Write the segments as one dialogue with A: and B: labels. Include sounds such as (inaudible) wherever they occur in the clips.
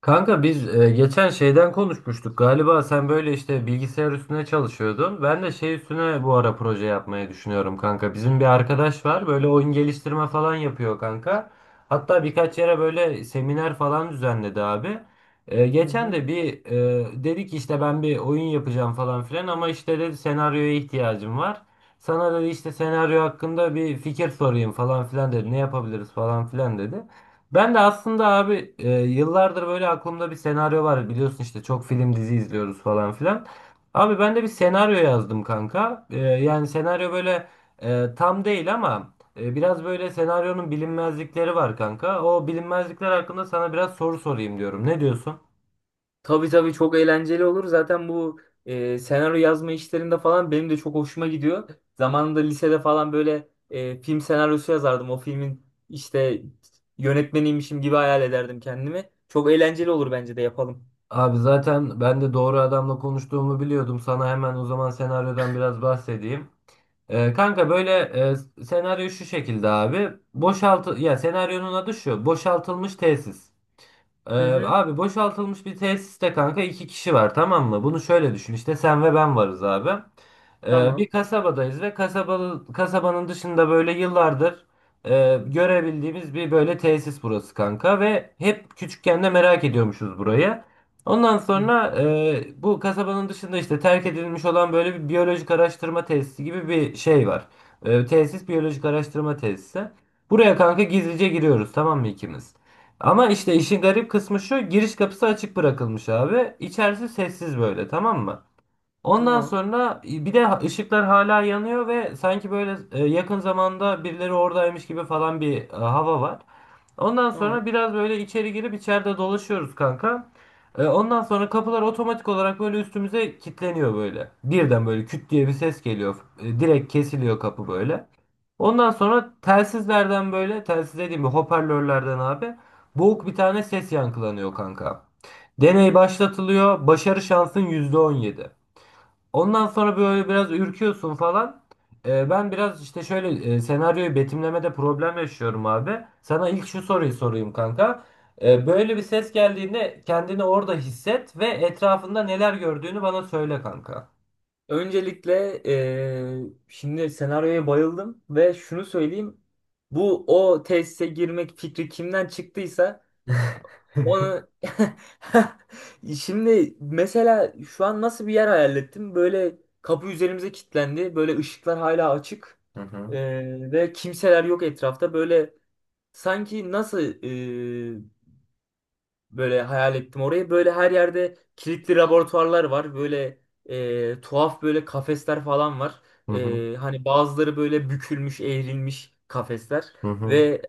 A: Kanka biz geçen şeyden konuşmuştuk galiba, sen böyle işte bilgisayar üstüne çalışıyordun. Ben de şey üstüne bu ara proje yapmayı düşünüyorum kanka. Bizim bir arkadaş var böyle oyun geliştirme falan yapıyor kanka. Hatta birkaç yere böyle seminer falan düzenledi abi.
B: Hı
A: Geçen
B: hı.
A: de bir dedi ki işte ben bir oyun yapacağım falan filan, ama işte dedi senaryoya ihtiyacım var. Sana dedi işte senaryo hakkında bir fikir sorayım falan filan dedi. Ne yapabiliriz falan filan dedi. Ben de aslında abi yıllardır böyle aklımda bir senaryo var. Biliyorsun işte çok film dizi izliyoruz falan filan. Abi ben de bir senaryo yazdım kanka. Yani senaryo böyle tam değil, ama biraz böyle senaryonun bilinmezlikleri var kanka. O bilinmezlikler hakkında sana biraz soru sorayım diyorum. Ne diyorsun?
B: Tabii tabii, çok eğlenceli olur. Zaten bu senaryo yazma işlerinde falan benim de çok hoşuma gidiyor. Zamanında lisede falan böyle film senaryosu yazardım. O filmin işte yönetmeniymişim gibi hayal ederdim kendimi. Çok eğlenceli olur, bence de yapalım.
A: Abi zaten ben de doğru adamla konuştuğumu biliyordum. Sana hemen o zaman senaryodan biraz bahsedeyim. Kanka böyle, senaryo şu şekilde abi. Boşaltı ya, senaryonun adı şu. Boşaltılmış tesis. Ee,
B: Hı hı.
A: Abi boşaltılmış bir tesiste kanka iki kişi var, tamam mı? Bunu şöyle düşün, işte sen ve ben varız abi. Bir
B: Tamam.
A: kasabadayız ve kasabalı, kasabanın dışında böyle yıllardır görebildiğimiz bir böyle tesis burası kanka, ve hep küçükken de merak ediyormuşuz burayı. Ondan
B: Hı hı.
A: sonra bu kasabanın dışında işte terk edilmiş olan böyle bir biyolojik araştırma tesisi gibi bir şey var. Tesis biyolojik araştırma tesisi. Buraya kanka gizlice giriyoruz, tamam mı ikimiz? Ama işte işin garip kısmı şu, giriş kapısı açık bırakılmış abi. İçerisi sessiz böyle, tamam mı? Ondan
B: Tamam.
A: sonra bir de ışıklar hala yanıyor ve sanki böyle yakın zamanda birileri oradaymış gibi falan bir hava var. Ondan sonra
B: Tamam.
A: biraz böyle içeri girip içeride dolaşıyoruz kanka. Ondan sonra kapılar otomatik olarak böyle üstümüze kilitleniyor böyle. Birden böyle küt diye bir ses geliyor. Direkt kesiliyor kapı böyle. Ondan sonra telsizlerden, böyle telsiz dediğim bir hoparlörlerden abi, boğuk bir tane ses yankılanıyor kanka. Deney başlatılıyor. Başarı şansın %17. Ondan sonra böyle biraz ürküyorsun falan. Ben biraz işte şöyle senaryoyu betimlemede problem yaşıyorum abi. Sana ilk şu soruyu sorayım kanka. Böyle bir ses geldiğinde kendini orada hisset ve etrafında neler gördüğünü bana söyle kanka.
B: Öncelikle şimdi senaryoya bayıldım ve şunu söyleyeyim. Bu, o tesise girmek fikri kimden çıktıysa
A: (laughs)
B: onu... (laughs) Şimdi mesela şu an nasıl bir yer hayal ettim? Böyle kapı üzerimize kilitlendi. Böyle ışıklar hala açık.
A: Hı hı.
B: Ve kimseler yok etrafta. Böyle, sanki nasıl, böyle hayal ettim orayı. Böyle her yerde kilitli laboratuvarlar var. Böyle tuhaf böyle kafesler falan var.
A: Hı hı,
B: E, hani bazıları böyle bükülmüş, eğrilmiş kafesler.
A: hı hı,
B: Ve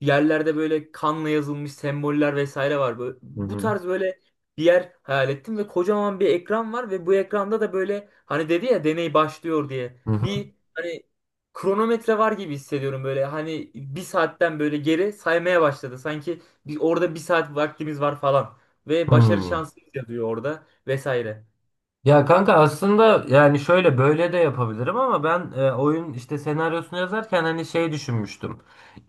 B: yerlerde böyle kanla yazılmış semboller vesaire var. Böyle,
A: hı
B: bu
A: hı,
B: tarz böyle bir yer hayal ettim ve kocaman bir ekran var ve bu ekranda da böyle, hani dedi ya deney başlıyor diye,
A: hı hı, hı.
B: bir hani kronometre var gibi hissediyorum. Böyle hani bir saatten böyle geri saymaya başladı. Sanki bir, orada bir saat vaktimiz var falan. Ve başarı
A: Hmm.
B: şansı yazıyor orada vesaire.
A: Ya kanka aslında yani şöyle böyle de yapabilirim, ama ben oyun işte senaryosunu yazarken hani şey düşünmüştüm.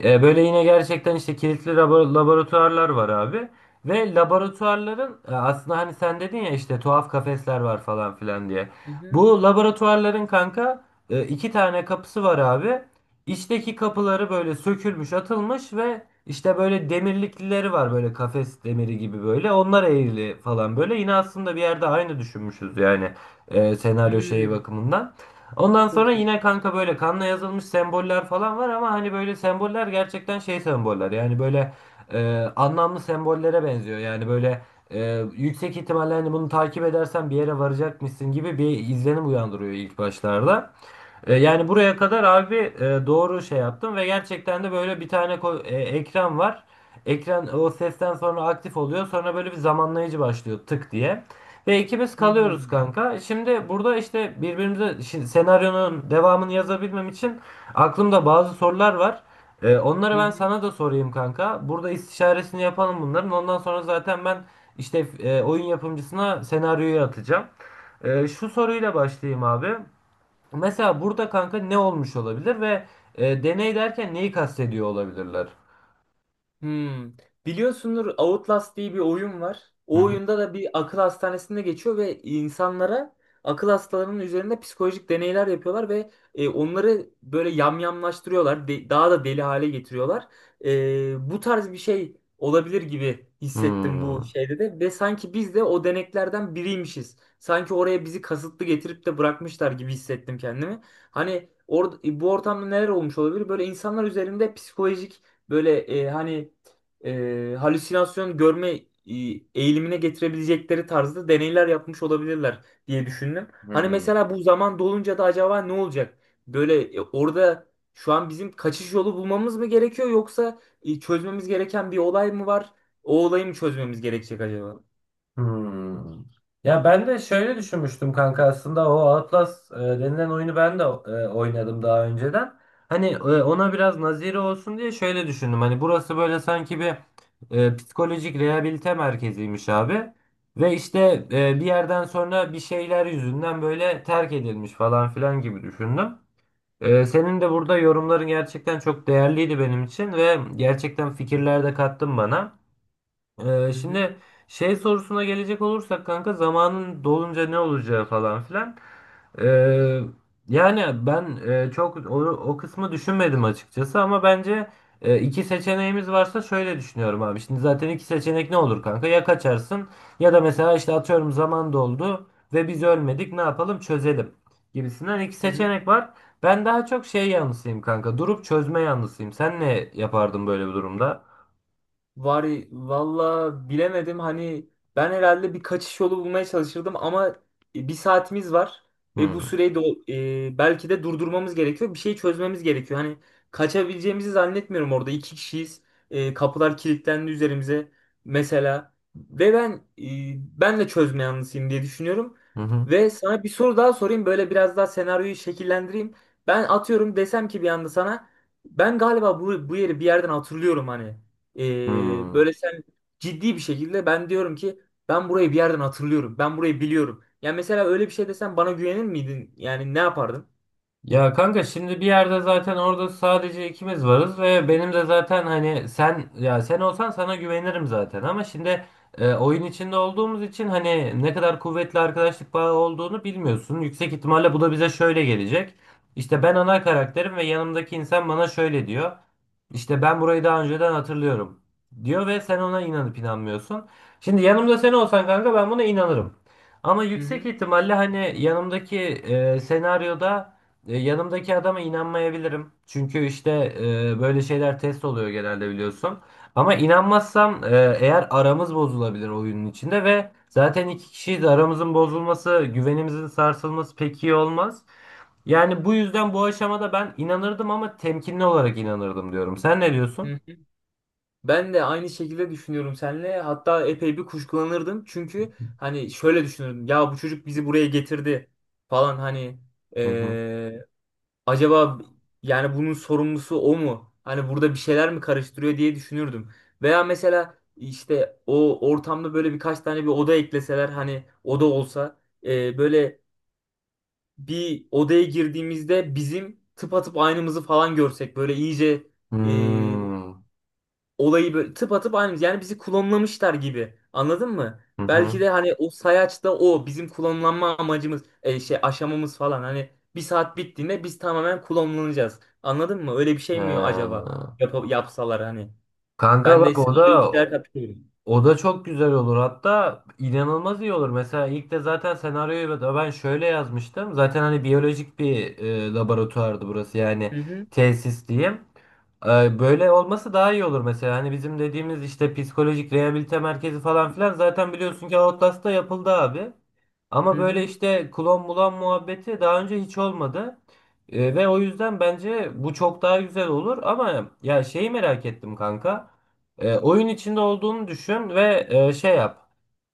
A: Böyle yine gerçekten işte kilitli laboratuvarlar var abi. Ve laboratuvarların aslında hani sen dedin ya işte tuhaf kafesler var falan filan diye.
B: Hı hı.
A: Bu laboratuvarların kanka iki tane kapısı var abi. İçteki kapıları böyle sökülmüş, atılmış ve işte böyle demirlikleri var böyle, kafes demiri gibi böyle. Onlar eğrili falan böyle. Yine aslında bir yerde aynı düşünmüşüz yani, senaryo şeyi
B: Hmm,
A: bakımından. Ondan sonra
B: çok iyi.
A: yine kanka böyle kanla yazılmış semboller falan var, ama hani böyle semboller gerçekten şey semboller. Yani böyle anlamlı sembollere benziyor. Yani böyle yüksek ihtimalle hani bunu takip edersen bir yere varacakmışsın gibi bir izlenim uyandırıyor ilk başlarda. Yani buraya kadar abi doğru şey yaptım ve gerçekten de böyle bir tane ekran var. Ekran o sesten sonra aktif oluyor. Sonra böyle bir zamanlayıcı başlıyor tık diye. Ve ikimiz kalıyoruz
B: Hmm.
A: kanka. Şimdi burada işte birbirimize, şimdi senaryonun devamını yazabilmem için aklımda bazı sorular var.
B: Hı
A: Onları
B: hı.
A: ben
B: Hı.
A: sana da sorayım kanka. Burada istişaresini yapalım bunların. Ondan sonra zaten ben işte oyun yapımcısına senaryoyu atacağım. Şu soruyla başlayayım abi. Mesela burada kanka ne olmuş olabilir ve deney derken neyi kastediyor olabilirler?
B: Hmm. Biliyorsundur, Outlast diye bir oyun var.
A: Hı
B: O
A: hı.
B: oyunda da bir akıl hastanesinde geçiyor ve insanlara, akıl hastalarının üzerinde psikolojik deneyler yapıyorlar ve onları böyle yamyamlaştırıyorlar. Daha da deli hale getiriyorlar. E, bu tarz bir şey olabilir gibi hissettim bu
A: Hmm.
B: şeyde de ve sanki biz de o deneklerden biriymişiz. Sanki oraya bizi kasıtlı getirip de bırakmışlar gibi hissettim kendimi. Hani or bu ortamda neler olmuş olabilir? Böyle insanlar üzerinde psikolojik, böyle, hani halüsinasyon görme eğilimine getirebilecekleri tarzda deneyler yapmış olabilirler diye düşündüm. Hani
A: Hmm.
B: mesela bu zaman dolunca da acaba ne olacak? Böyle orada şu an bizim kaçış yolu bulmamız mı gerekiyor, yoksa çözmemiz gereken bir olay mı var? O olayı mı çözmemiz gerekecek acaba?
A: Hmm. Ya ben de şöyle düşünmüştüm kanka, aslında o Outlast denilen oyunu ben de oynadım daha önceden. Hani ona biraz naziri olsun diye şöyle düşündüm. Hani burası böyle sanki bir psikolojik rehabilite merkeziymiş abi. Ve işte bir yerden sonra bir şeyler yüzünden böyle terk edilmiş falan filan gibi düşündüm. Senin de burada yorumların gerçekten çok değerliydi benim için, ve gerçekten fikirler de kattın bana.
B: Hı hı.
A: Şimdi şey sorusuna gelecek olursak kanka, zamanın dolunca ne olacağı falan filan. Ee, Yani ben çok o kısmı düşünmedim açıkçası, ama bence iki seçeneğimiz varsa şöyle düşünüyorum abi. Şimdi zaten iki seçenek ne olur kanka? Ya kaçarsın, ya da mesela işte atıyorum zaman doldu ve biz ölmedik, ne yapalım çözelim gibisinden iki
B: Hı hı.
A: seçenek var. Ben daha çok şey yanlısıyım kanka, durup çözme yanlısıyım. Sen ne yapardın böyle bir durumda?
B: Var, valla bilemedim. Hani ben herhalde bir kaçış yolu bulmaya çalışırdım ama bir saatimiz var ve bu
A: Hmm.
B: süreyi de belki de durdurmamız gerekiyor. Bir şey çözmemiz gerekiyor. Hani kaçabileceğimizi zannetmiyorum, orada iki kişiyiz. E, kapılar kilitlendi üzerimize mesela ve e, ben de çözme yanlısıyım diye düşünüyorum.
A: Hı hı.
B: Ve sana bir soru daha sorayım, böyle biraz daha senaryoyu şekillendireyim. Ben atıyorum, desem ki bir anda sana, ben galiba bu yeri bir yerden hatırlıyorum hani.
A: Hmm.
B: Böyle sen, ciddi bir şekilde ben diyorum ki ben burayı bir yerden hatırlıyorum. Ben burayı biliyorum. Yani mesela öyle bir şey desen bana, güvenir miydin? Yani ne yapardın?
A: Ya kanka, şimdi bir yerde zaten orada sadece ikimiz varız ve benim de zaten, hani sen, ya sen olsan sana güvenirim zaten, ama şimdi oyun içinde olduğumuz için hani ne kadar kuvvetli arkadaşlık bağı olduğunu bilmiyorsun. Yüksek ihtimalle bu da bize şöyle gelecek. İşte ben ana karakterim ve yanımdaki insan bana şöyle diyor. İşte ben burayı daha önceden hatırlıyorum diyor, ve sen ona inanıp inanmıyorsun. Şimdi yanımda sen olsan kanka ben buna inanırım. Ama
B: Hı
A: yüksek
B: hı.
A: ihtimalle hani yanımdaki senaryoda yanımdaki adama inanmayabilirim. Çünkü işte böyle şeyler test oluyor genelde biliyorsun. Ama inanmazsam eğer, aramız bozulabilir oyunun içinde ve zaten iki kişiyiz, aramızın bozulması, güvenimizin sarsılması pek iyi olmaz. Yani bu yüzden bu aşamada ben inanırdım, ama temkinli olarak inanırdım diyorum. Sen ne diyorsun?
B: Hı hı. Ben de aynı şekilde düşünüyorum seninle. Hatta epey bir kuşkulanırdım. Çünkü hani şöyle düşünürdüm. Ya bu çocuk bizi buraya getirdi falan, hani
A: Hı hı.
B: acaba yani bunun sorumlusu o mu? Hani burada bir şeyler mi karıştırıyor diye düşünürdüm. Veya mesela işte o ortamda böyle birkaç tane bir oda ekleseler, hani oda olsa, böyle bir odaya girdiğimizde bizim tıpatıp aynımızı falan görsek, böyle iyice e,
A: Hmm.
B: olayı böyle tıpatıp aynı, yani bizi klonlamışlar gibi. Anladın mı?
A: Hı
B: Belki
A: hı.
B: de hani o sayaçta o bizim klonlanma amacımız, şey aşamamız falan, hani bir saat bittiğinde biz tamamen klonlanacağız. Anladın mı? Öyle bir şey mi acaba?
A: Ee,
B: Yap yapsalar hani.
A: Kanka
B: Ben de
A: bak,
B: size
A: o
B: öyle bir
A: da
B: şeyler katılıyorum.
A: O da çok güzel olur. Hatta inanılmaz iyi olur. Mesela ilk de zaten senaryoyu da ben şöyle yazmıştım. Zaten hani biyolojik bir laboratuvardı burası. Yani
B: Hı hı.
A: tesis diyeyim. Böyle olması daha iyi olur mesela. Hani bizim dediğimiz işte psikolojik rehabilite merkezi falan filan zaten biliyorsun ki Outlast'ta yapıldı abi.
B: Hı
A: Ama böyle
B: hı.
A: işte klon bulan muhabbeti daha önce hiç olmadı. Ve o yüzden bence bu çok daha güzel olur. Ama ya şeyi merak ettim kanka. Oyun içinde olduğunu düşün ve şey yap.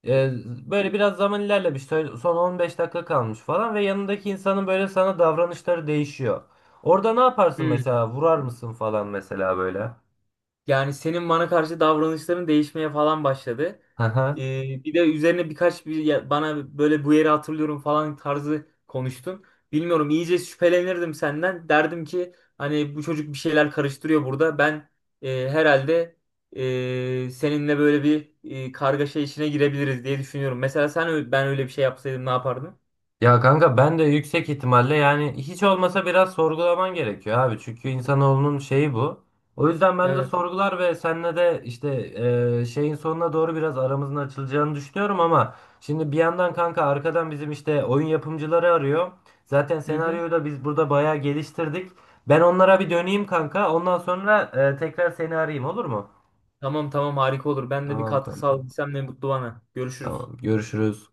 A: E, Böyle biraz zaman ilerlemiş. Şöyle son 15 dakika kalmış falan ve yanındaki insanın böyle sana davranışları değişiyor. Orada ne yaparsın
B: Hı.
A: mesela? Vurar mısın falan mesela böyle?
B: Yani senin bana karşı davranışların değişmeye falan başladı.
A: (laughs)
B: Bir de üzerine birkaç bana böyle bu yeri hatırlıyorum falan tarzı konuştun. Bilmiyorum, iyice şüphelenirdim senden. Derdim ki hani bu çocuk bir şeyler karıştırıyor burada. Ben herhalde seninle böyle bir kargaşa içine girebiliriz diye düşünüyorum. Mesela ben öyle bir şey yapsaydım ne yapardın?
A: Ya kanka ben de yüksek ihtimalle, yani hiç olmasa biraz sorgulaman gerekiyor abi. Çünkü insanoğlunun şeyi bu. O yüzden ben de
B: Evet.
A: sorgular ve seninle de işte şeyin sonuna doğru biraz aramızın açılacağını düşünüyorum, ama şimdi bir yandan kanka arkadan bizim işte oyun yapımcıları arıyor. Zaten
B: Hı hı.
A: senaryoyu da biz burada bayağı geliştirdik. Ben onlara bir döneyim kanka. Ondan sonra tekrar seni arayayım, olur mu?
B: Tamam tamam, harika olur. Ben de bir
A: Tamam
B: katkı
A: kanka.
B: sağladıysam ne mutlu bana. Görüşürüz.
A: Tamam. Görüşürüz.